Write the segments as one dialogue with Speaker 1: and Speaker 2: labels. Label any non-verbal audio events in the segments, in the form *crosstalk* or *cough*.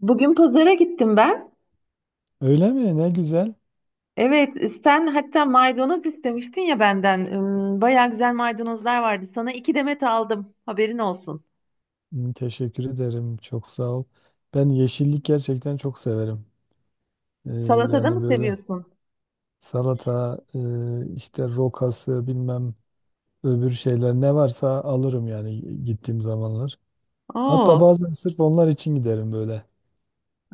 Speaker 1: Bugün pazara gittim ben.
Speaker 2: Öyle mi? Ne güzel.
Speaker 1: Evet, sen hatta maydanoz istemiştin ya benden. Bayağı güzel maydanozlar vardı. Sana iki demet aldım. Haberin olsun.
Speaker 2: Hmm, teşekkür ederim. Çok sağ ol. Ben yeşillik gerçekten çok severim. Ee,
Speaker 1: Salatada mı
Speaker 2: Yani böyle
Speaker 1: seviyorsun?
Speaker 2: salata, işte rokası, bilmem öbür şeyler ne varsa alırım yani gittiğim zamanlar. Hatta
Speaker 1: Oo.
Speaker 2: bazen sırf onlar için giderim böyle.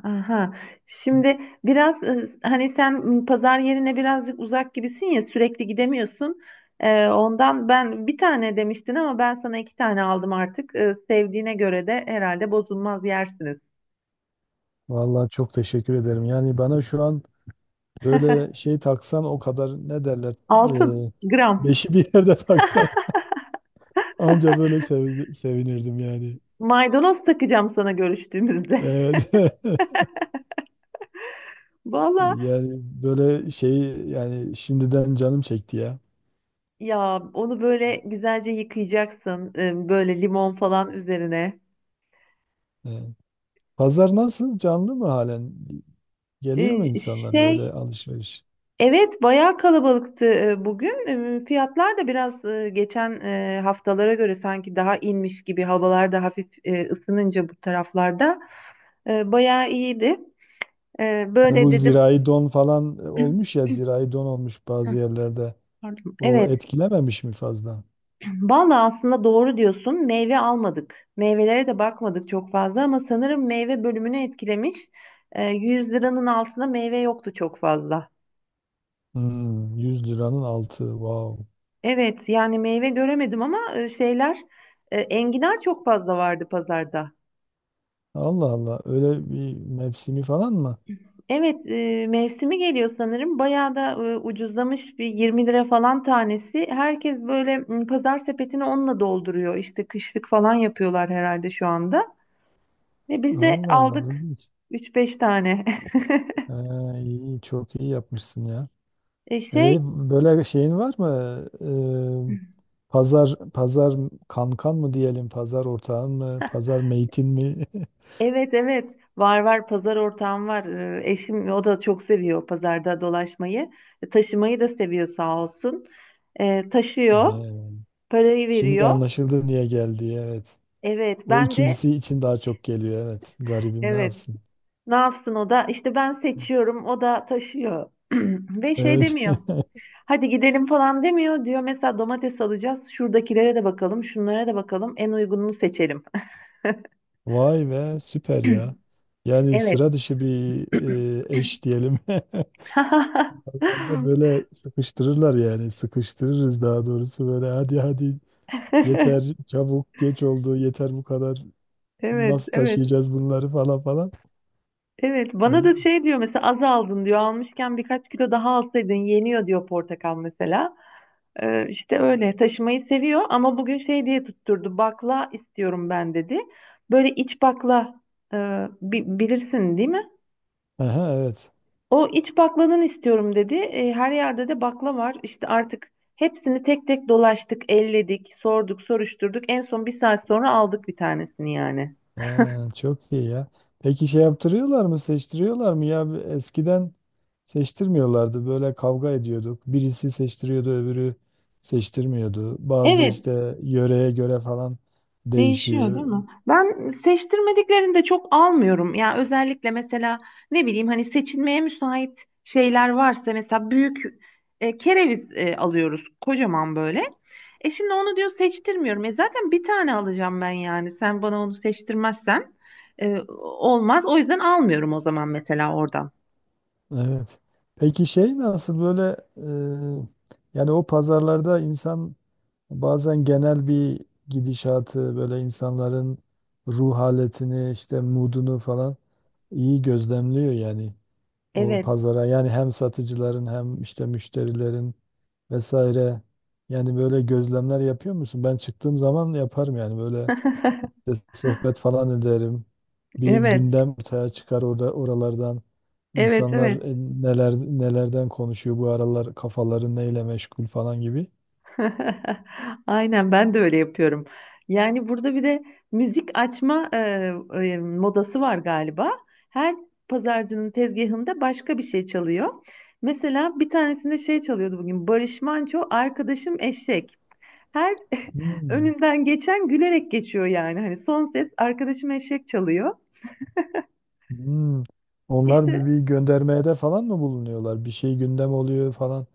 Speaker 1: Aha. Şimdi biraz hani sen pazar yerine birazcık uzak gibisin ya sürekli gidemiyorsun. Ondan ben bir tane demiştin ama ben sana iki tane aldım artık. Sevdiğine göre de herhalde bozulmaz yersiniz.
Speaker 2: Vallahi çok teşekkür ederim. Yani bana şu an böyle şey taksan o kadar ne derler?
Speaker 1: Altın
Speaker 2: e,
Speaker 1: gram.
Speaker 2: Beşi bir yerde *laughs* taksan anca böyle sevinirdim yani.
Speaker 1: Maydanoz takacağım sana görüştüğümüzde.
Speaker 2: Evet. *laughs*
Speaker 1: *laughs* Vallahi.
Speaker 2: Yani böyle şey yani şimdiden canım çekti ya.
Speaker 1: Ya onu böyle güzelce yıkayacaksın. Böyle limon falan üzerine.
Speaker 2: Evet. Pazar nasıl? Canlı mı halen? Geliyor mu
Speaker 1: E,
Speaker 2: insanlar böyle
Speaker 1: Şey,
Speaker 2: alışveriş?
Speaker 1: evet, bayağı kalabalıktı bugün. Fiyatlar da biraz geçen haftalara göre sanki daha inmiş gibi. Havalar da hafif ısınınca bu taraflarda. Bayağı iyiydi.
Speaker 2: Hani
Speaker 1: Böyle
Speaker 2: bu
Speaker 1: dedim.
Speaker 2: zirai don falan olmuş ya, zirai don olmuş
Speaker 1: *clears throat*
Speaker 2: bazı
Speaker 1: Hı,
Speaker 2: yerlerde.
Speaker 1: Pardon.
Speaker 2: O
Speaker 1: Evet.
Speaker 2: etkilememiş mi fazla?
Speaker 1: Vallahi aslında doğru diyorsun. Meyve almadık. Meyvelere de bakmadık çok fazla ama sanırım meyve bölümünü etkilemiş. 100 liranın altında meyve yoktu çok fazla.
Speaker 2: Hmm, 100 liranın altı. Wow.
Speaker 1: Evet, yani meyve göremedim ama şeyler enginar çok fazla vardı pazarda.
Speaker 2: Allah Allah. Öyle bir mevsimi falan mı?
Speaker 1: Evet, mevsimi geliyor sanırım. Bayağı da ucuzlamış, bir 20 lira falan tanesi. Herkes böyle pazar sepetini onunla dolduruyor. İşte kışlık falan yapıyorlar herhalde şu anda. Ve biz de
Speaker 2: Allah Allah,
Speaker 1: aldık
Speaker 2: ilginç.
Speaker 1: üç beş tane. *laughs*
Speaker 2: Ha, iyi, çok iyi yapmışsın ya.
Speaker 1: E,
Speaker 2: E,
Speaker 1: şey
Speaker 2: böyle şeyin var mı? E, pazar pazar kankan mı diyelim, pazar ortağın mı, pazar meytin mi? *laughs*
Speaker 1: evet, evet, var var, pazar ortağım var. Eşim, o da çok seviyor pazarda dolaşmayı. Taşımayı da seviyor sağ olsun. Taşıyor,
Speaker 2: He.
Speaker 1: parayı
Speaker 2: Şimdi
Speaker 1: veriyor.
Speaker 2: anlaşıldı niye geldi. Evet.
Speaker 1: Evet,
Speaker 2: O
Speaker 1: ben de.
Speaker 2: ikincisi için daha çok geliyor. Evet. Garibim ne
Speaker 1: Evet,
Speaker 2: yapsın?
Speaker 1: ne yapsın, o da işte ben seçiyorum, o da taşıyor. *clears throat* Ve şey
Speaker 2: Evet.
Speaker 1: demiyor.
Speaker 2: *laughs*
Speaker 1: Hadi gidelim falan demiyor. Diyor mesela domates alacağız. Şuradakilere de bakalım, şunlara da bakalım. En uygununu seçelim. *laughs*
Speaker 2: Vay be, süper ya. Yani sıra
Speaker 1: Evet.
Speaker 2: dışı bir eş diyelim. *laughs*
Speaker 1: *laughs*
Speaker 2: Herhalde böyle sıkıştırırlar yani. Sıkıştırırız daha doğrusu, böyle hadi hadi, yeter, çabuk geç oldu, yeter bu kadar.
Speaker 1: Evet,
Speaker 2: Nasıl
Speaker 1: evet.
Speaker 2: taşıyacağız bunları falan falan.
Speaker 1: Evet, bana
Speaker 2: İyi.
Speaker 1: da şey diyor mesela, az aldın diyor. Almışken birkaç kilo daha alsaydın yeniyor diyor, portakal mesela. İşte öyle taşımayı seviyor ama bugün şey diye tutturdu. Bakla istiyorum ben dedi. Böyle iç bakla, e, bilirsin değil mi?
Speaker 2: Aha, evet.
Speaker 1: O iç bakladan istiyorum dedi. Her yerde de bakla var. İşte artık hepsini tek tek dolaştık, elledik, sorduk, soruşturduk. En son bir saat sonra aldık bir tanesini yani.
Speaker 2: Ha, çok iyi ya. Peki şey yaptırıyorlar mı, seçtiriyorlar mı ya? Eskiden seçtirmiyorlardı. Böyle kavga ediyorduk. Birisi seçtiriyordu, öbürü seçtirmiyordu. Bazı
Speaker 1: Evet,
Speaker 2: işte yöreye göre falan
Speaker 1: değişiyor değil
Speaker 2: değişiyor.
Speaker 1: mi? Ben seçtirmediklerini de çok almıyorum. Ya özellikle mesela, ne bileyim, hani seçilmeye müsait şeyler varsa, mesela büyük kereviz alıyoruz, kocaman böyle. Şimdi onu diyor seçtirmiyorum. Zaten bir tane alacağım ben yani. Sen bana onu seçtirmezsen. Olmaz. O yüzden almıyorum o zaman mesela oradan.
Speaker 2: Evet. Peki şey nasıl böyle, yani o pazarlarda insan bazen genel bir gidişatı, böyle insanların ruh haletini, işte moodunu falan iyi gözlemliyor yani, o
Speaker 1: Evet.
Speaker 2: pazara yani, hem satıcıların hem işte müşterilerin vesaire, yani böyle gözlemler yapıyor musun? Ben çıktığım zaman yaparım yani, böyle
Speaker 1: *laughs*
Speaker 2: işte sohbet falan ederim. Bir
Speaker 1: Evet.
Speaker 2: gündem ortaya çıkar orada, oralardan.
Speaker 1: Evet,
Speaker 2: İnsanlar
Speaker 1: evet.
Speaker 2: neler nelerden konuşuyor bu aralar, kafaları neyle meşgul falan gibi.
Speaker 1: *laughs* Aynen, ben de öyle yapıyorum. Yani burada bir de müzik açma modası var galiba. Her pazarcının tezgahında başka bir şey çalıyor. Mesela bir tanesinde şey çalıyordu bugün. Barış Manço, arkadaşım eşek. Her *laughs*
Speaker 2: Hmm,
Speaker 1: önünden geçen gülerek geçiyor yani. Hani son ses arkadaşım eşek çalıyor.
Speaker 2: hmm. Onlar bir,
Speaker 1: İşte.
Speaker 2: bir göndermeye de falan mı bulunuyorlar? Bir şey gündem oluyor falan.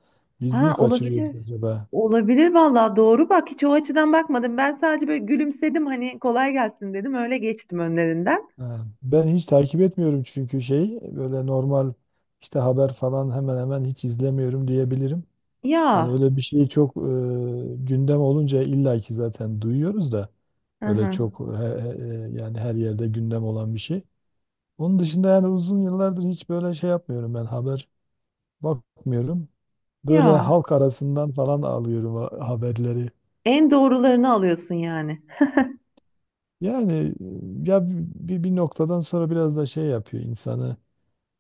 Speaker 2: Biz mi
Speaker 1: Ha,
Speaker 2: kaçırıyoruz
Speaker 1: olabilir.
Speaker 2: acaba?
Speaker 1: Olabilir vallahi, doğru bak, hiç o açıdan bakmadım. Ben sadece böyle gülümsedim, hani kolay gelsin dedim, öyle geçtim önlerinden.
Speaker 2: Ha, ben hiç takip etmiyorum çünkü şey, böyle normal işte haber falan hemen hemen hiç izlemiyorum diyebilirim. Hani
Speaker 1: Ya.
Speaker 2: öyle bir şey çok gündem olunca illaki zaten duyuyoruz da,
Speaker 1: Hı
Speaker 2: öyle
Speaker 1: hı.
Speaker 2: çok yani her yerde gündem olan bir şey. Onun dışında yani uzun yıllardır hiç böyle şey yapmıyorum, ben haber bakmıyorum. Böyle
Speaker 1: Ya.
Speaker 2: halk arasından falan alıyorum haberleri.
Speaker 1: En doğrularını alıyorsun yani.
Speaker 2: Yani ya bir noktadan sonra biraz da şey yapıyor insanı,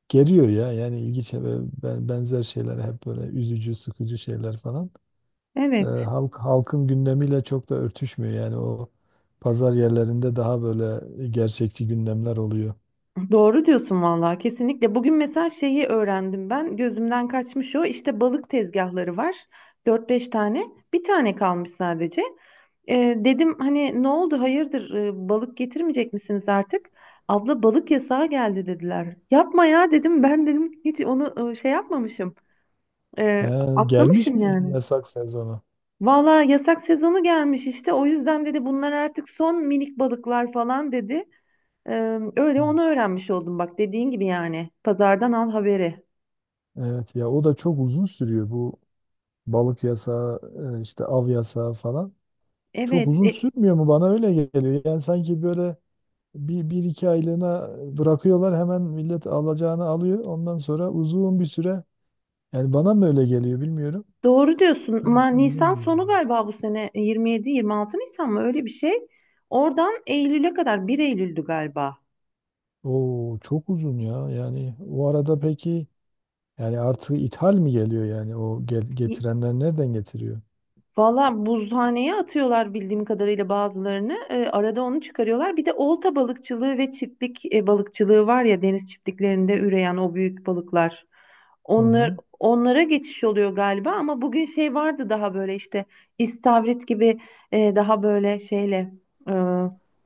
Speaker 2: geriyor ya yani, ilginç ve benzer şeyler, hep böyle üzücü sıkıcı şeyler falan.
Speaker 1: Evet.
Speaker 2: Halk, halkın gündemiyle çok da örtüşmüyor. Yani o pazar yerlerinde daha böyle gerçekçi gündemler oluyor.
Speaker 1: Doğru diyorsun vallahi, kesinlikle. Bugün mesela şeyi öğrendim ben. Gözümden kaçmış o. İşte balık tezgahları var. Dört beş tane. Bir tane kalmış sadece. Dedim hani ne oldu hayırdır, balık getirmeyecek misiniz artık? Abla balık yasağı geldi dediler. Yapma ya dedim, ben dedim hiç onu şey yapmamışım.
Speaker 2: He, gelmiş
Speaker 1: Atlamışım
Speaker 2: mi
Speaker 1: yani.
Speaker 2: yasak sezonu?
Speaker 1: Valla yasak sezonu gelmiş işte, o yüzden dedi bunlar artık son minik balıklar falan dedi. Öyle onu öğrenmiş oldum bak, dediğin gibi yani. Pazardan al haberi.
Speaker 2: Evet ya, o da çok uzun sürüyor, bu balık yasağı işte av yasağı falan. Çok
Speaker 1: Evet,
Speaker 2: uzun sürmüyor mu, bana öyle geliyor. Yani sanki böyle bir iki aylığına bırakıyorlar, hemen millet alacağını alıyor. Ondan sonra uzun bir süre, yani bana mı öyle geliyor, bilmiyorum.
Speaker 1: doğru diyorsun.
Speaker 2: Çok
Speaker 1: Ama
Speaker 2: uzun
Speaker 1: Nisan
Speaker 2: gibi
Speaker 1: sonu
Speaker 2: geliyor.
Speaker 1: galiba bu sene, 27-26 Nisan mı, öyle bir şey. Oradan Eylül'e kadar, bir Eylül'dü galiba.
Speaker 2: Oo, çok uzun ya. Yani o arada peki, yani artık ithal mi geliyor, yani o getirenler nereden getiriyor?
Speaker 1: Valla buzhaneye atıyorlar bildiğim kadarıyla bazılarını. Arada onu çıkarıyorlar. Bir de olta balıkçılığı ve çiftlik balıkçılığı var ya, deniz çiftliklerinde üreyen o büyük balıklar.
Speaker 2: Hı hı.
Speaker 1: Onlara geçiş oluyor galiba ama bugün şey vardı, daha böyle işte istavrit gibi, daha böyle şeyle, e,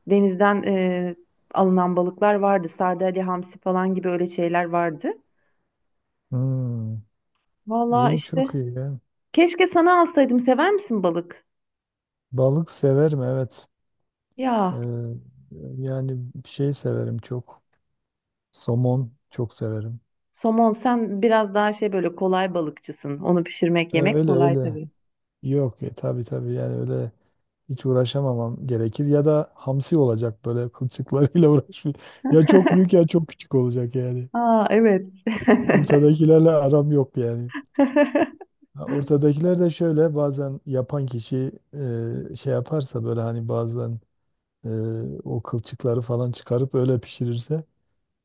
Speaker 1: denizden alınan balıklar vardı. Sardalya, hamsi falan gibi öyle şeyler vardı.
Speaker 2: Hmm.
Speaker 1: Valla
Speaker 2: İyi, çok
Speaker 1: işte,
Speaker 2: iyi ya.
Speaker 1: keşke sana alsaydım. Sever misin balık?
Speaker 2: Balık severim, evet.
Speaker 1: Ya.
Speaker 2: Ee, Yani şey severim çok. Somon çok severim.
Speaker 1: Somon, sen biraz daha şey, böyle kolay balıkçısın. Onu pişirmek, yemek
Speaker 2: Öyle
Speaker 1: kolay
Speaker 2: öyle.
Speaker 1: tabii.
Speaker 2: Yok, tabii tabii, yani öyle hiç uğraşamamam gerekir ya da hamsi olacak, böyle kılçıklarıyla *laughs* uğraşmayayım. Ya çok büyük ya çok küçük olacak yani.
Speaker 1: Aa, evet.
Speaker 2: Ortadakilerle aram yok yani.
Speaker 1: *laughs*
Speaker 2: Ha, ortadakiler de şöyle, bazen yapan kişi şey yaparsa, böyle hani bazen e, o kılçıkları falan çıkarıp öyle pişirirse,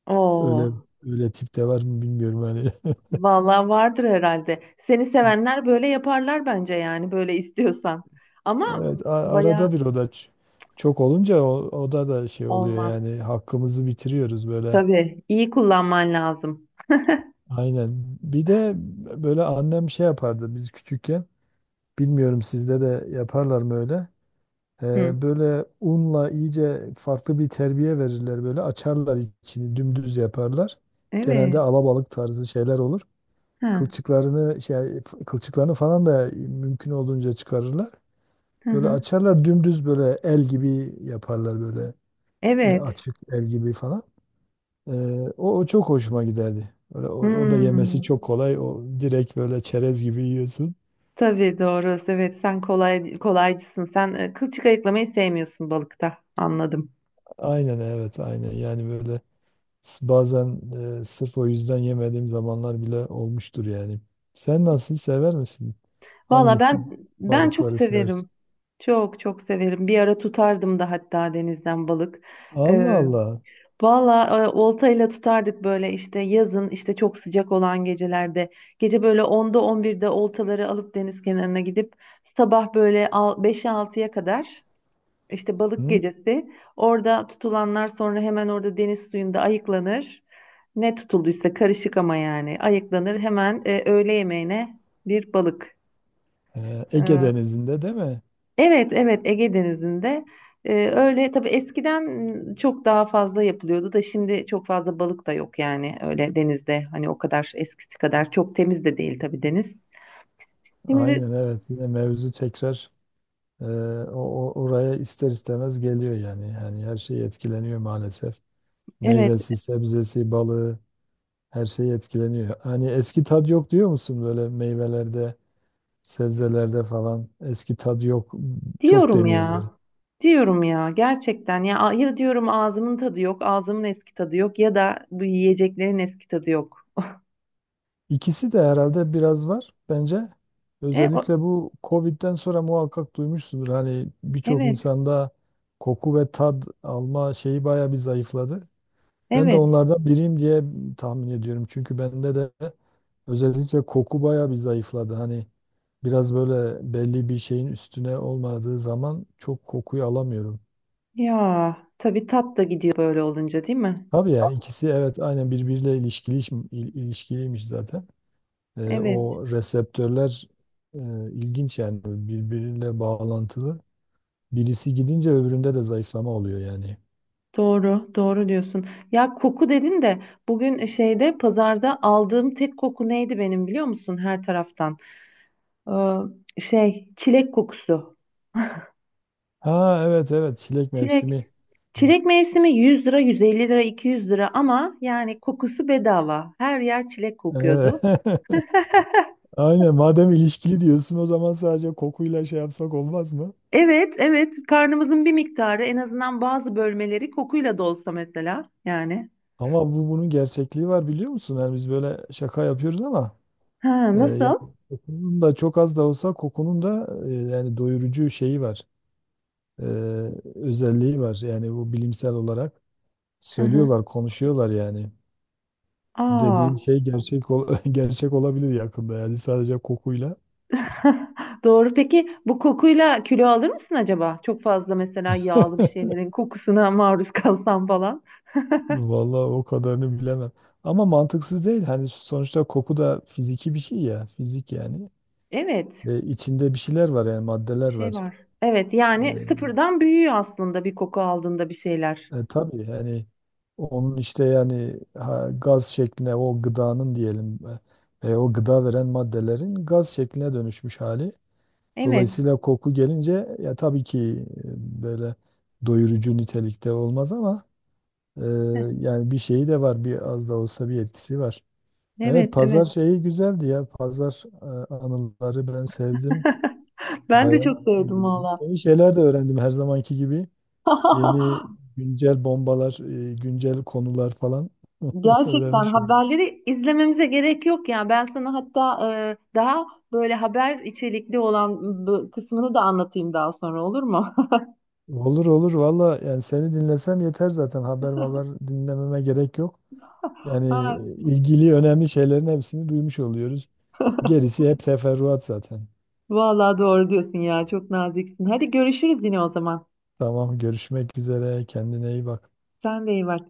Speaker 1: Oo,
Speaker 2: öyle öyle tip de var mı bilmiyorum hani. *laughs*
Speaker 1: vallahi vardır herhalde. Seni sevenler böyle yaparlar bence, yani böyle istiyorsan. Ama
Speaker 2: Evet, arada
Speaker 1: baya
Speaker 2: bir o da çok olunca o da da şey oluyor
Speaker 1: olmaz.
Speaker 2: yani, hakkımızı bitiriyoruz böyle.
Speaker 1: Tabii iyi kullanman lazım.
Speaker 2: Aynen. Bir de böyle annem şey yapardı biz küçükken. Bilmiyorum, sizde de yaparlar mı öyle?
Speaker 1: Hı.
Speaker 2: Böyle unla iyice farklı bir terbiye verirler, böyle açarlar içini dümdüz yaparlar. Genelde
Speaker 1: Evet.
Speaker 2: alabalık tarzı şeyler olur.
Speaker 1: Ha.
Speaker 2: Kılçıklarını şey kılçıklarını falan da mümkün olduğunca çıkarırlar.
Speaker 1: Hı
Speaker 2: Böyle
Speaker 1: hı.
Speaker 2: açarlar dümdüz, böyle el gibi yaparlar, böyle
Speaker 1: Evet.
Speaker 2: açık el gibi falan. Ee, O çok hoşuma giderdi. Böyle, o da yemesi
Speaker 1: Hmm.
Speaker 2: çok kolay. O direkt böyle çerez gibi yiyorsun.
Speaker 1: Tabii doğru. Evet, sen kolay kolaycısın. Sen kılçık ayıklamayı sevmiyorsun balıkta. Anladım.
Speaker 2: Aynen evet, aynen yani böyle, bazen sırf o yüzden yemediğim zamanlar bile olmuştur yani. Sen nasıl, sever misin?
Speaker 1: Valla
Speaker 2: Hangi
Speaker 1: ben çok
Speaker 2: balıkları seversin?
Speaker 1: severim. Çok çok severim. Bir ara tutardım da hatta, denizden balık.
Speaker 2: Allah
Speaker 1: Ee,
Speaker 2: Allah.
Speaker 1: Valla oltayla tutardık böyle, işte yazın, işte çok sıcak olan gecelerde. Gece böyle 10'da 11'de oltaları alıp deniz kenarına gidip sabah böyle 5'e 6'ya kadar, işte balık
Speaker 2: Hı?
Speaker 1: gecesi. Orada tutulanlar sonra hemen orada deniz suyunda ayıklanır. Ne tutulduysa karışık ama yani ayıklanır. Hemen öğle yemeğine bir balık.
Speaker 2: Ege
Speaker 1: Ee,
Speaker 2: Denizi'nde değil mi?
Speaker 1: Evet, evet, Ege Denizi'nde. Öyle tabii, eskiden çok daha fazla yapılıyordu da, şimdi çok fazla balık da yok yani, öyle denizde, hani o kadar eskisi kadar çok temiz de değil tabii deniz. Şimdi,
Speaker 2: Aynen evet. Yine mevzu tekrar e, oraya ister istemez geliyor yani. Yani her şey etkileniyor maalesef.
Speaker 1: evet,
Speaker 2: Meyvesi, sebzesi, balığı, her şey etkileniyor. Hani eski tad yok diyor musun böyle meyvelerde, sebzelerde falan? Eski tad yok. Çok
Speaker 1: diyorum
Speaker 2: deniyor
Speaker 1: ya,
Speaker 2: böyle.
Speaker 1: diyorum ya gerçekten, ya diyorum ağzımın tadı yok, ağzımın eski tadı yok ya da bu yiyeceklerin eski tadı yok.
Speaker 2: İkisi de herhalde biraz var bence.
Speaker 1: E, o,
Speaker 2: Özellikle bu Covid'den sonra muhakkak duymuşsundur. Hani birçok
Speaker 1: evet,
Speaker 2: insanda koku ve tad alma şeyi bayağı bir zayıfladı. Ben de
Speaker 1: evet,
Speaker 2: onlardan biriyim diye tahmin ediyorum. Çünkü bende de özellikle koku bayağı bir zayıfladı. Hani biraz böyle belli bir şeyin üstüne olmadığı zaman çok kokuyu alamıyorum.
Speaker 1: ya tabii tat da gidiyor böyle olunca değil mi?
Speaker 2: Tabii ya, ikisi evet, aynen birbiriyle ilişkiliymiş zaten. E,
Speaker 1: Evet.
Speaker 2: o reseptörler e, ilginç yani, birbiriyle bağlantılı. Birisi gidince öbüründe de zayıflama oluyor yani.
Speaker 1: Doğru, doğru diyorsun. Ya koku dedin de, bugün şeyde, pazarda aldığım tek koku neydi benim biliyor musun her taraftan? Çilek kokusu.
Speaker 2: Ha evet evet, çilek
Speaker 1: Çilek.
Speaker 2: mevsimi.
Speaker 1: Çilek mevsimi, 100 lira, 150 lira, 200 lira, ama yani kokusu bedava. Her yer çilek
Speaker 2: Ee,
Speaker 1: kokuyordu.
Speaker 2: *laughs* Aynen, madem ilişkili diyorsun o zaman sadece kokuyla şey yapsak olmaz mı?
Speaker 1: Evet, evet. Karnımızın bir miktarı, en azından bazı bölmeleri kokuyla dolsa mesela yani.
Speaker 2: Ama bu, bunun gerçekliği var biliyor musun? Yani biz böyle şaka yapıyoruz ama
Speaker 1: Ha,
Speaker 2: yani
Speaker 1: nasıl?
Speaker 2: kokunun da, çok az da olsa kokunun da, yani doyurucu şeyi var. E, özelliği var. Yani bu bilimsel olarak
Speaker 1: Hı hı.
Speaker 2: söylüyorlar, konuşuyorlar yani.
Speaker 1: Aa.
Speaker 2: Dediğin şey gerçek ol *laughs* gerçek olabilir yakında, yani sadece kokuyla.
Speaker 1: *laughs* Doğru. Peki bu kokuyla kilo alır mısın acaba? Çok fazla mesela yağlı bir
Speaker 2: *laughs*
Speaker 1: şeylerin kokusuna *laughs* maruz kalsam falan.
Speaker 2: Vallahi o kadarını bilemem. Ama mantıksız değil. Hani sonuçta koku da fiziki bir şey ya. Fizik yani.
Speaker 1: Evet,
Speaker 2: E, içinde bir şeyler var yani,
Speaker 1: bir
Speaker 2: maddeler
Speaker 1: şey
Speaker 2: var.
Speaker 1: var. Evet,
Speaker 2: E,
Speaker 1: yani sıfırdan büyüyor aslında bir koku aldığında bir şeyler.
Speaker 2: Tabii yani, onun işte yani ha, gaz şekline, o gıdanın diyelim o gıda veren maddelerin gaz şekline dönüşmüş hali.
Speaker 1: Evet.
Speaker 2: Dolayısıyla koku gelince ya, tabii ki böyle doyurucu nitelikte olmaz ama e,
Speaker 1: Heh.
Speaker 2: yani bir şeyi de var, bir az da olsa bir etkisi var. Evet,
Speaker 1: Evet,
Speaker 2: pazar
Speaker 1: evet.
Speaker 2: şeyi güzeldi ya. Pazar anıları ben sevdim.
Speaker 1: Ben de
Speaker 2: Bayağı
Speaker 1: çok
Speaker 2: e,
Speaker 1: sevdim valla.
Speaker 2: yeni şeyler de öğrendim her zamanki gibi. Yeni
Speaker 1: *laughs*
Speaker 2: güncel bombalar, güncel konular falan *laughs*
Speaker 1: Gerçekten
Speaker 2: öğrenmiş oldum.
Speaker 1: haberleri izlememize gerek yok ya. Ben sana hatta daha böyle haber içerikli olan bu kısmını da anlatayım daha sonra, olur mu? *laughs*
Speaker 2: Olur olur valla, yani seni dinlesem yeter, zaten haber haber dinlememe gerek yok. Yani
Speaker 1: Ha.
Speaker 2: ilgili önemli şeylerin hepsini duymuş oluyoruz. Gerisi hep teferruat zaten.
Speaker 1: Vallahi doğru diyorsun ya. Çok naziksin. Hadi görüşürüz yine o zaman.
Speaker 2: Tamam, görüşmek üzere, kendine iyi bak.
Speaker 1: Sen de iyi bak.